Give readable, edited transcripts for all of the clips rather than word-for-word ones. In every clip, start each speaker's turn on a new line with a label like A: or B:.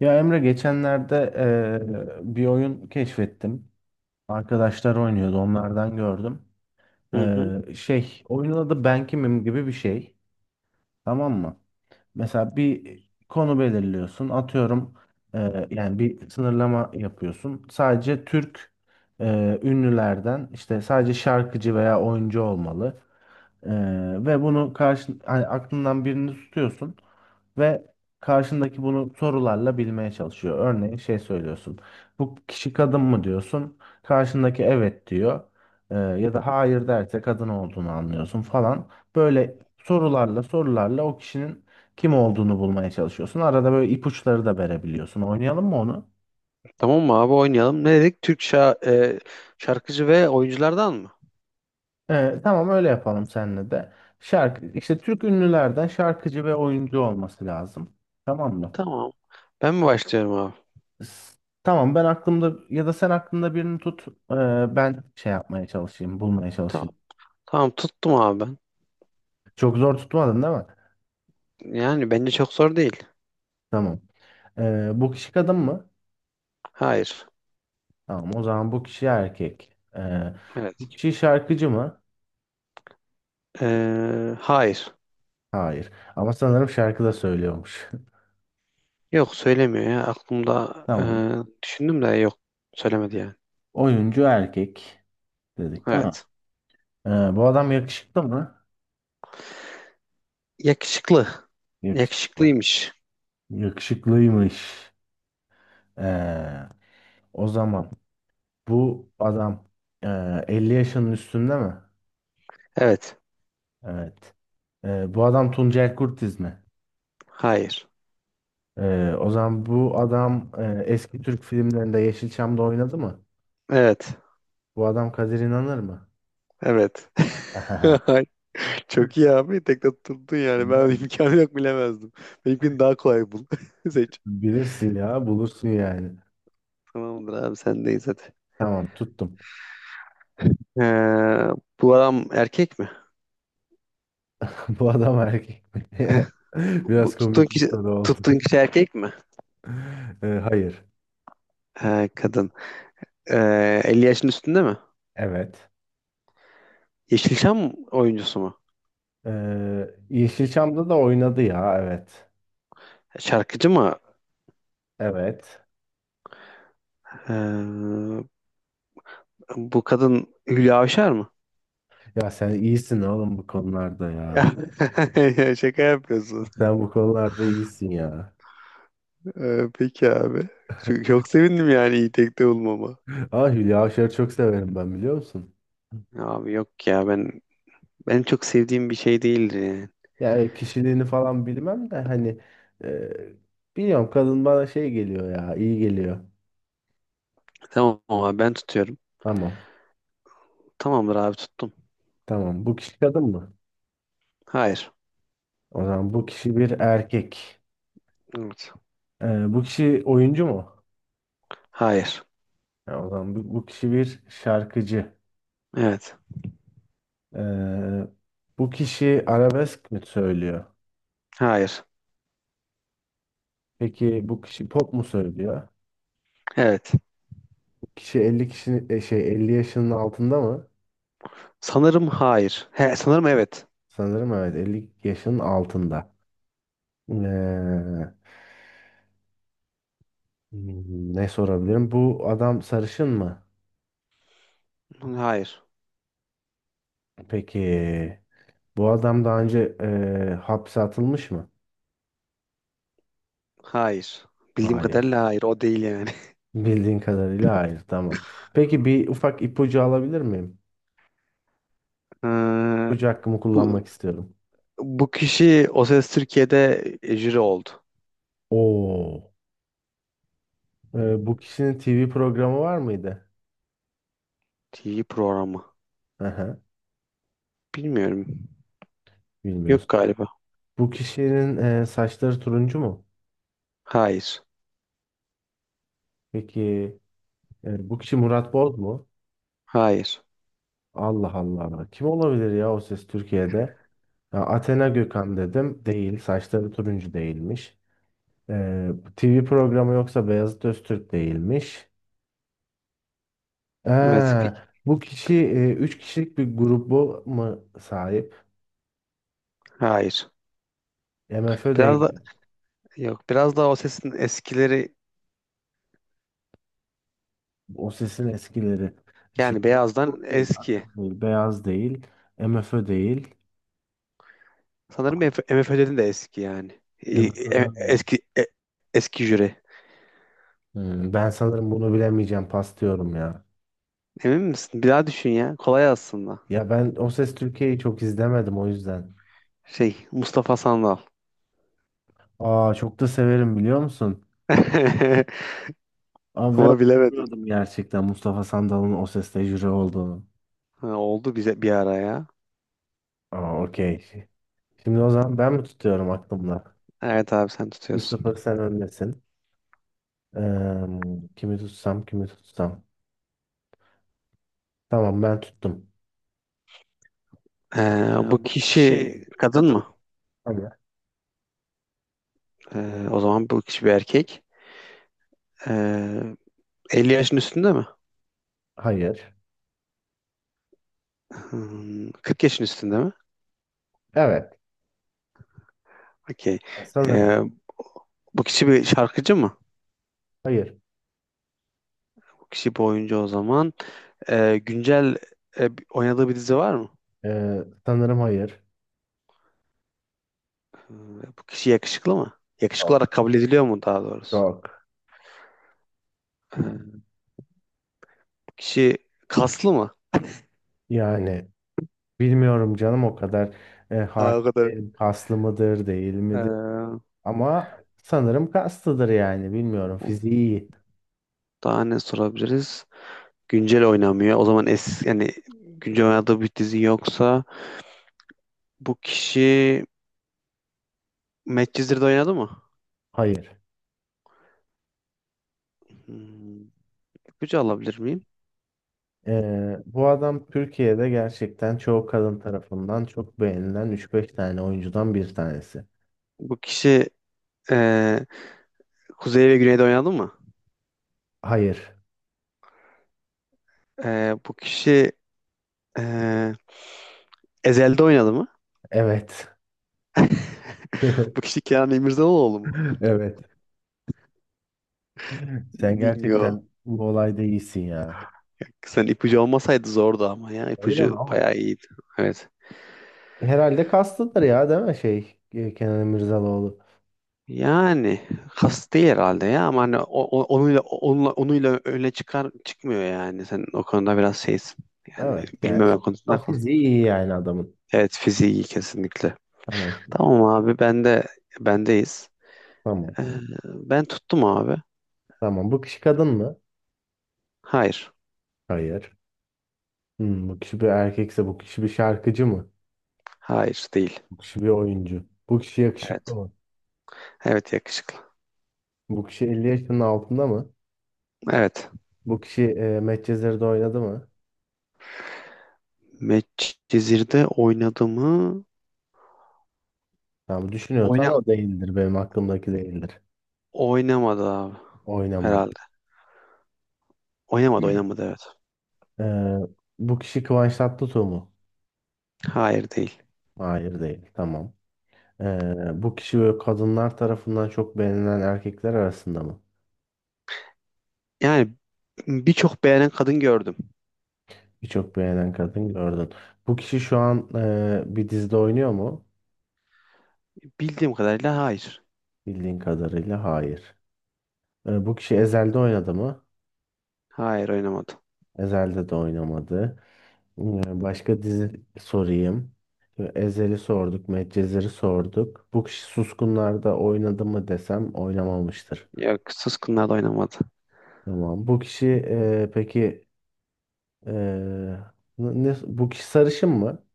A: Ya Emre geçenlerde bir oyun keşfettim. Arkadaşlar oynuyordu, onlardan gördüm.
B: Hı hı.
A: Oyunun adı Ben Kimim gibi bir şey. Tamam mı? Mesela bir konu belirliyorsun. Atıyorum yani bir sınırlama yapıyorsun. Sadece Türk ünlülerden işte sadece şarkıcı veya oyuncu olmalı. Eee, Ve bunu karşı hani aklından birini tutuyorsun ve karşındaki bunu sorularla bilmeye çalışıyor. Örneğin şey söylüyorsun. Bu kişi kadın mı diyorsun? Karşındaki evet diyor. Ya da hayır derse kadın olduğunu anlıyorsun falan. Böyle sorularla o kişinin kim olduğunu bulmaya çalışıyorsun. Arada böyle ipuçları da verebiliyorsun. Oynayalım mı onu?
B: Tamam mı abi, oynayalım. Ne dedik? E, Şarkıcı ve oyunculardan mı?
A: Tamam, öyle yapalım seninle de. Şarkı işte Türk ünlülerden şarkıcı ve oyuncu olması lazım. Tamam mı?
B: Tamam. Ben mi başlıyorum abi?
A: S- Tamam, ben aklımda ya da sen aklında birini tut. Ben şey yapmaya çalışayım, bulmaya
B: Tamam.
A: çalışayım.
B: Tamam, tuttum abi ben.
A: Çok zor tutmadın değil mi?
B: Yani bence çok zor değil.
A: Tamam. Bu kişi kadın mı?
B: Hayır.
A: Tamam, o zaman bu kişi erkek. Ee,
B: Evet.
A: Bu kişi şarkıcı mı?
B: Hayır.
A: Hayır. Ama sanırım şarkı da söylüyormuş.
B: Yok söylemiyor ya.
A: Tamam.
B: Düşündüm de yok. Söylemedi yani.
A: Oyuncu erkek dedik değil mi?
B: Evet.
A: Ee, Bu adam yakışıklı mı?
B: Yakışıklı.
A: Yakışıklı.
B: Yakışıklıymış.
A: Yakışıklıymış. Ee, O zaman bu adam 50 yaşının üstünde mi?
B: Evet.
A: Evet. Bu adam Tuncel Kurtiz mi?
B: Hayır.
A: O zaman bu adam eski Türk filmlerinde Yeşilçam'da oynadı mı?
B: Evet.
A: Bu adam Kadir İnanır mı?
B: Evet. Ay, çok iyi abi. Tekte tuttun yani. Ben
A: Tamam.
B: imkanı yok, bilemezdim. Benimkini daha kolay bul. Seç.
A: Bilirsin ya, bulursun yani.
B: Tamamdır abi, sendeyiz hadi.
A: Tamam, tuttum.
B: Ee, Bu adam erkek mi?
A: Bu adam erkek mi?
B: Bu
A: Biraz
B: tuttuğun
A: komik bir
B: kişi,
A: soru oldu.
B: tuttuğun kişi erkek mi?
A: Hayır.
B: Kadın. 50 yaşın üstünde mi?
A: Evet.
B: Yeşilçam oyuncusu mu?
A: Yeşilçam'da da oynadı ya, evet.
B: Şarkıcı mı?
A: Evet.
B: Ee, Bu kadın Hülya Avşar mı?
A: Ya sen iyisin oğlum bu konularda
B: Ya,
A: ya.
B: ya şaka yapıyorsun.
A: Sen bu konularda iyisin ya.
B: Peki abi. Çok sevindim yani, iyi tekte bulmama.
A: Ah, Hülya Avşar'ı çok severim ben, biliyor musun?
B: Abi yok ya, benim çok sevdiğim bir şey değildi yani.
A: Yani kişiliğini falan bilmem de hani e, biliyorum, kadın bana şey geliyor ya, iyi geliyor.
B: Tamam abi, ben tutuyorum.
A: Tamam,
B: Tamamdır abi, tuttum.
A: tamam, bu kişi kadın mı?
B: Hayır.
A: O zaman bu kişi bir erkek.
B: Evet.
A: Bu kişi oyuncu mu?
B: Hayır.
A: Ya o zaman bu kişi bir şarkıcı.
B: Evet.
A: E, Bu kişi arabesk mi söylüyor?
B: Hayır.
A: Peki bu kişi pop mu söylüyor?
B: Evet.
A: Bu kişi 50 kişinin e, şey 50 yaşının altında mı?
B: Sanırım hayır. He, sanırım evet.
A: Sanırım evet, 50 yaşının altında. Ee, Ne sorabilirim? Bu adam sarışın mı?
B: Hayır.
A: Peki. Bu adam daha önce hapse atılmış mı?
B: Hayır. Bildiğim
A: Hayır.
B: kadarıyla hayır. O değil yani.
A: Bildiğin kadarıyla hayır. Tamam. Peki bir ufak ipucu alabilir miyim?
B: Ee,
A: İpucu hakkımı
B: bu
A: kullanmak istiyorum.
B: bu kişi O Ses Türkiye'de jüri oldu.
A: Oo. Bu kişinin TV programı var mıydı?
B: TV programı.
A: Aha,
B: Bilmiyorum. Yok
A: bilmiyorsun.
B: galiba.
A: Bu kişinin saçları turuncu mu?
B: Hayır.
A: Peki. Bu kişi Murat Boz mu?
B: Hayır.
A: Allah Allah. Kim olabilir ya, o ses Türkiye'de? Ya Athena Gökhan dedim. Değil. Saçları turuncu değilmiş. TV programı yoksa Beyazıt Öztürk değilmiş.
B: Evet.
A: Ee, Bu kişi 3 kişilik bir grubu mu sahip?
B: Hayır.
A: MFÖ
B: Biraz da...
A: değil.
B: Yok, biraz da O Ses'in eskileri.
A: O sesin eskileri.
B: Yani
A: Şimdi Burak
B: Beyaz'dan
A: Boz değil. Athena
B: eski.
A: değil. Beyaz değil. MFÖ değil.
B: Sanırım MFÖ'den de eski yani.
A: MFÖ'den değil.
B: Eski eski jüri.
A: Ben sanırım bunu bilemeyeceğim. Pas diyorum ya.
B: Emin misin? Bir daha düşün ya. Kolay aslında.
A: Ya ben O Ses Türkiye'yi çok izlemedim, o yüzden.
B: Şey, Mustafa Sandal.
A: Aa, çok da severim, biliyor musun? Abi ve
B: Ama bilemedin.
A: bilmiyordum gerçekten Mustafa Sandal'ın o seste jüri olduğunu.
B: Ha, oldu bize bir ara ya.
A: Aa, okey. Şimdi o zaman ben mi tutuyorum aklımda?
B: Evet abi, sen
A: Bir
B: tutuyorsun.
A: 0 sen öndesin. Eee, Kimi tutsam, kimi tutsam. Tamam, ben tuttum.
B: Ee, Bu
A: Ya, bu
B: kişi
A: kişi
B: kadın
A: kadın.
B: mı?
A: Hayır. Ee,
B: O zaman bu kişi bir erkek. Ee, 50 yaşın üstünde mi?
A: Hayır.
B: Hmm, 40 yaşın üstünde mi?
A: Evet.
B: Okey.
A: Ya sanırım.
B: Ee, Bu kişi bir şarkıcı mı?
A: Hayır.
B: Bu kişi bir oyuncu o zaman. Ee, güncel Oynadığı bir dizi var mı?
A: Sanırım hayır.
B: Ee, Bu kişi yakışıklı mı? Yakışıklı olarak
A: Çok.
B: kabul ediliyor mu, daha doğrusu?
A: Çok.
B: Ee, Bu kişi kaslı mı?
A: Yani bilmiyorum canım o kadar.
B: Ha, o
A: Hakim
B: kadar.
A: değilim. Kaslı mıdır değil midir?
B: Ee,
A: Ama sanırım kastıdır yani, bilmiyorum, fiziği iyi.
B: Daha ne sorabiliriz? Güncel oynamıyor. O zaman es yani, güncel oynadığı bir dizi yoksa, bu kişi Medcezir'de oynadı mı?
A: Hayır.
B: Hmm, ipucu alabilir miyim?
A: Bu adam Türkiye'de gerçekten çoğu kadın tarafından çok beğenilen üç beş tane oyuncudan bir tanesi.
B: Bu kişi e, Kuzey ve Güney'de oynadı mı?
A: Hayır.
B: Bu kişi e, Ezel'de oynadı mı?
A: Evet.
B: Bu kişi Kenan İmirzalıoğlu mu?
A: Evet. Sen
B: Bingo.
A: gerçekten bu olayda iyisin ya.
B: Sen, ipucu olmasaydı zordu ama ya.
A: Öyle
B: İpucu
A: mi? Ama
B: bayağı iyiydi. Evet.
A: herhalde kastıdır ya, değil mi Kenan Emirzalıoğlu.
B: Yani kast değil herhalde ya, ama hani o- o- onuyla onunla onuyla öne çıkar çıkmıyor yani. Sen o konuda biraz şeysin. Yani
A: Evet yani,
B: bilmeme konusunda
A: tam
B: haklısın.
A: fiziği iyi yani adamın.
B: Evet, fiziği kesinlikle.
A: Tamam.
B: Tamam abi, bendeyiz.
A: Tamam.
B: Ee, Ben tuttum abi.
A: Tamam. Bu kişi kadın mı?
B: Hayır.
A: Hayır. Bu kişi bir erkekse bu kişi bir şarkıcı mı?
B: Hayır değil.
A: Bu kişi bir oyuncu. Bu kişi yakışıklı
B: Evet.
A: mı?
B: Evet, yakışıklı.
A: Bu kişi 50 yaşının altında mı?
B: Evet.
A: Bu kişi Medcezir'de oynadı mı?
B: Medcezir'de oynadı mı?
A: Tamam, düşünüyorsan
B: Oyna
A: o değildir. Benim aklımdaki değildir.
B: Oynamadı abi
A: Oynamadı.
B: herhalde. Oynamadı, oynamadı, evet.
A: Ee, Bu kişi Kıvanç Tatlıtuğ mu?
B: Hayır, değil.
A: Hayır değil. Tamam. Bu kişi böyle kadınlar tarafından çok beğenilen erkekler arasında mı?
B: Yani birçok beğenen kadın gördüm.
A: Birçok beğenen kadın gördün. Bu kişi şu an bir dizide oynuyor mu?
B: Bildiğim kadarıyla hayır.
A: Bildiğin kadarıyla hayır. Bu kişi Ezel'de oynadı mı?
B: Hayır, oynamadı.
A: Ezel'de de oynamadı. Başka dizi sorayım. Ezel'i sorduk, Medcezir'i sorduk. Bu kişi Suskunlar'da oynadı mı desem oynamamıştır.
B: Yok, Suskunlar da oynamadı.
A: Tamam. Bu kişi e, peki e, ne, Bu kişi sarışın mı?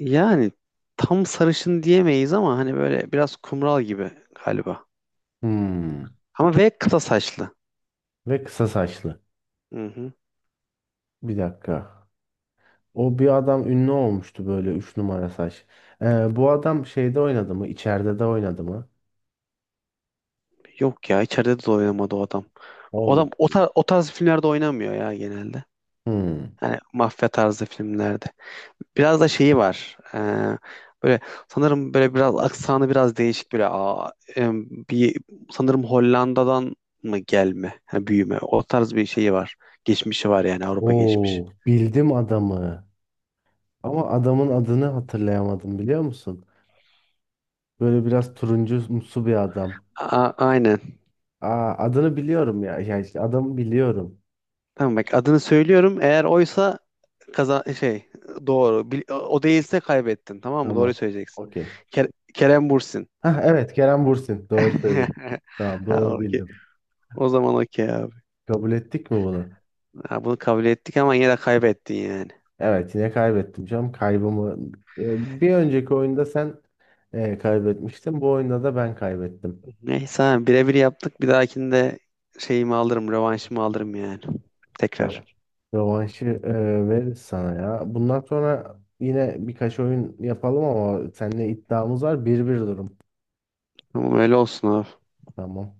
B: Yani tam sarışın diyemeyiz, ama hani böyle biraz kumral gibi galiba.
A: Hmm.
B: Ama ve kısa saçlı.
A: Ve kısa saçlı.
B: Hı hı.
A: Bir dakika. O bir adam ünlü olmuştu böyle 3 numara saç. Bu adam şeyde oynadı mı? İçeride de oynadı mı?
B: Yok ya, içeride de oynamadı o adam. O
A: Oldu.
B: adam o tarz filmlerde oynamıyor ya genelde.
A: Hmm.
B: Hani mafya tarzı filmlerde. Biraz da şeyi var. Böyle sanırım, böyle biraz aksanı biraz değişik, böyle bir sanırım Hollanda'dan mı gelme, yani büyüme. O tarz bir şeyi var. Geçmişi var yani, Avrupa geçmiş.
A: Oo, bildim adamı. Ama adamın adını hatırlayamadım, biliyor musun? Böyle biraz turuncumsu bir adam.
B: Aynen.
A: Aa, adını biliyorum ya. Ya işte adamı biliyorum.
B: Tamam, bak adını söylüyorum. Eğer oysa, kaza şey, doğru. O değilse kaybettin. Tamam mı? Doğru
A: Tamam.
B: söyleyeceksin.
A: Okey.
B: Kerem Bürsin.
A: Hah, evet, Kerem Bürsin. Doğru söyledin. Tamam,
B: Ha,
A: doğru
B: okey.
A: bildim.
B: O zaman okey abi.
A: Kabul ettik mi bunu?
B: Ha, bunu kabul ettik ama yine de kaybettin yani.
A: Evet, yine kaybettim canım. Kaybımı bir önceki oyunda sen kaybetmiştin. Bu oyunda da ben kaybettim.
B: Neyse abi, birebir yaptık. Bir dahakinde şeyimi alırım, rövanşımı alırım yani. Tekrar.
A: Rö- Rövanşı veririz sana ya. Bundan sonra yine birkaç oyun yapalım ama seninle iddiamız var. 1-1 durum.
B: Ama öyle olsun abi.
A: Tamam.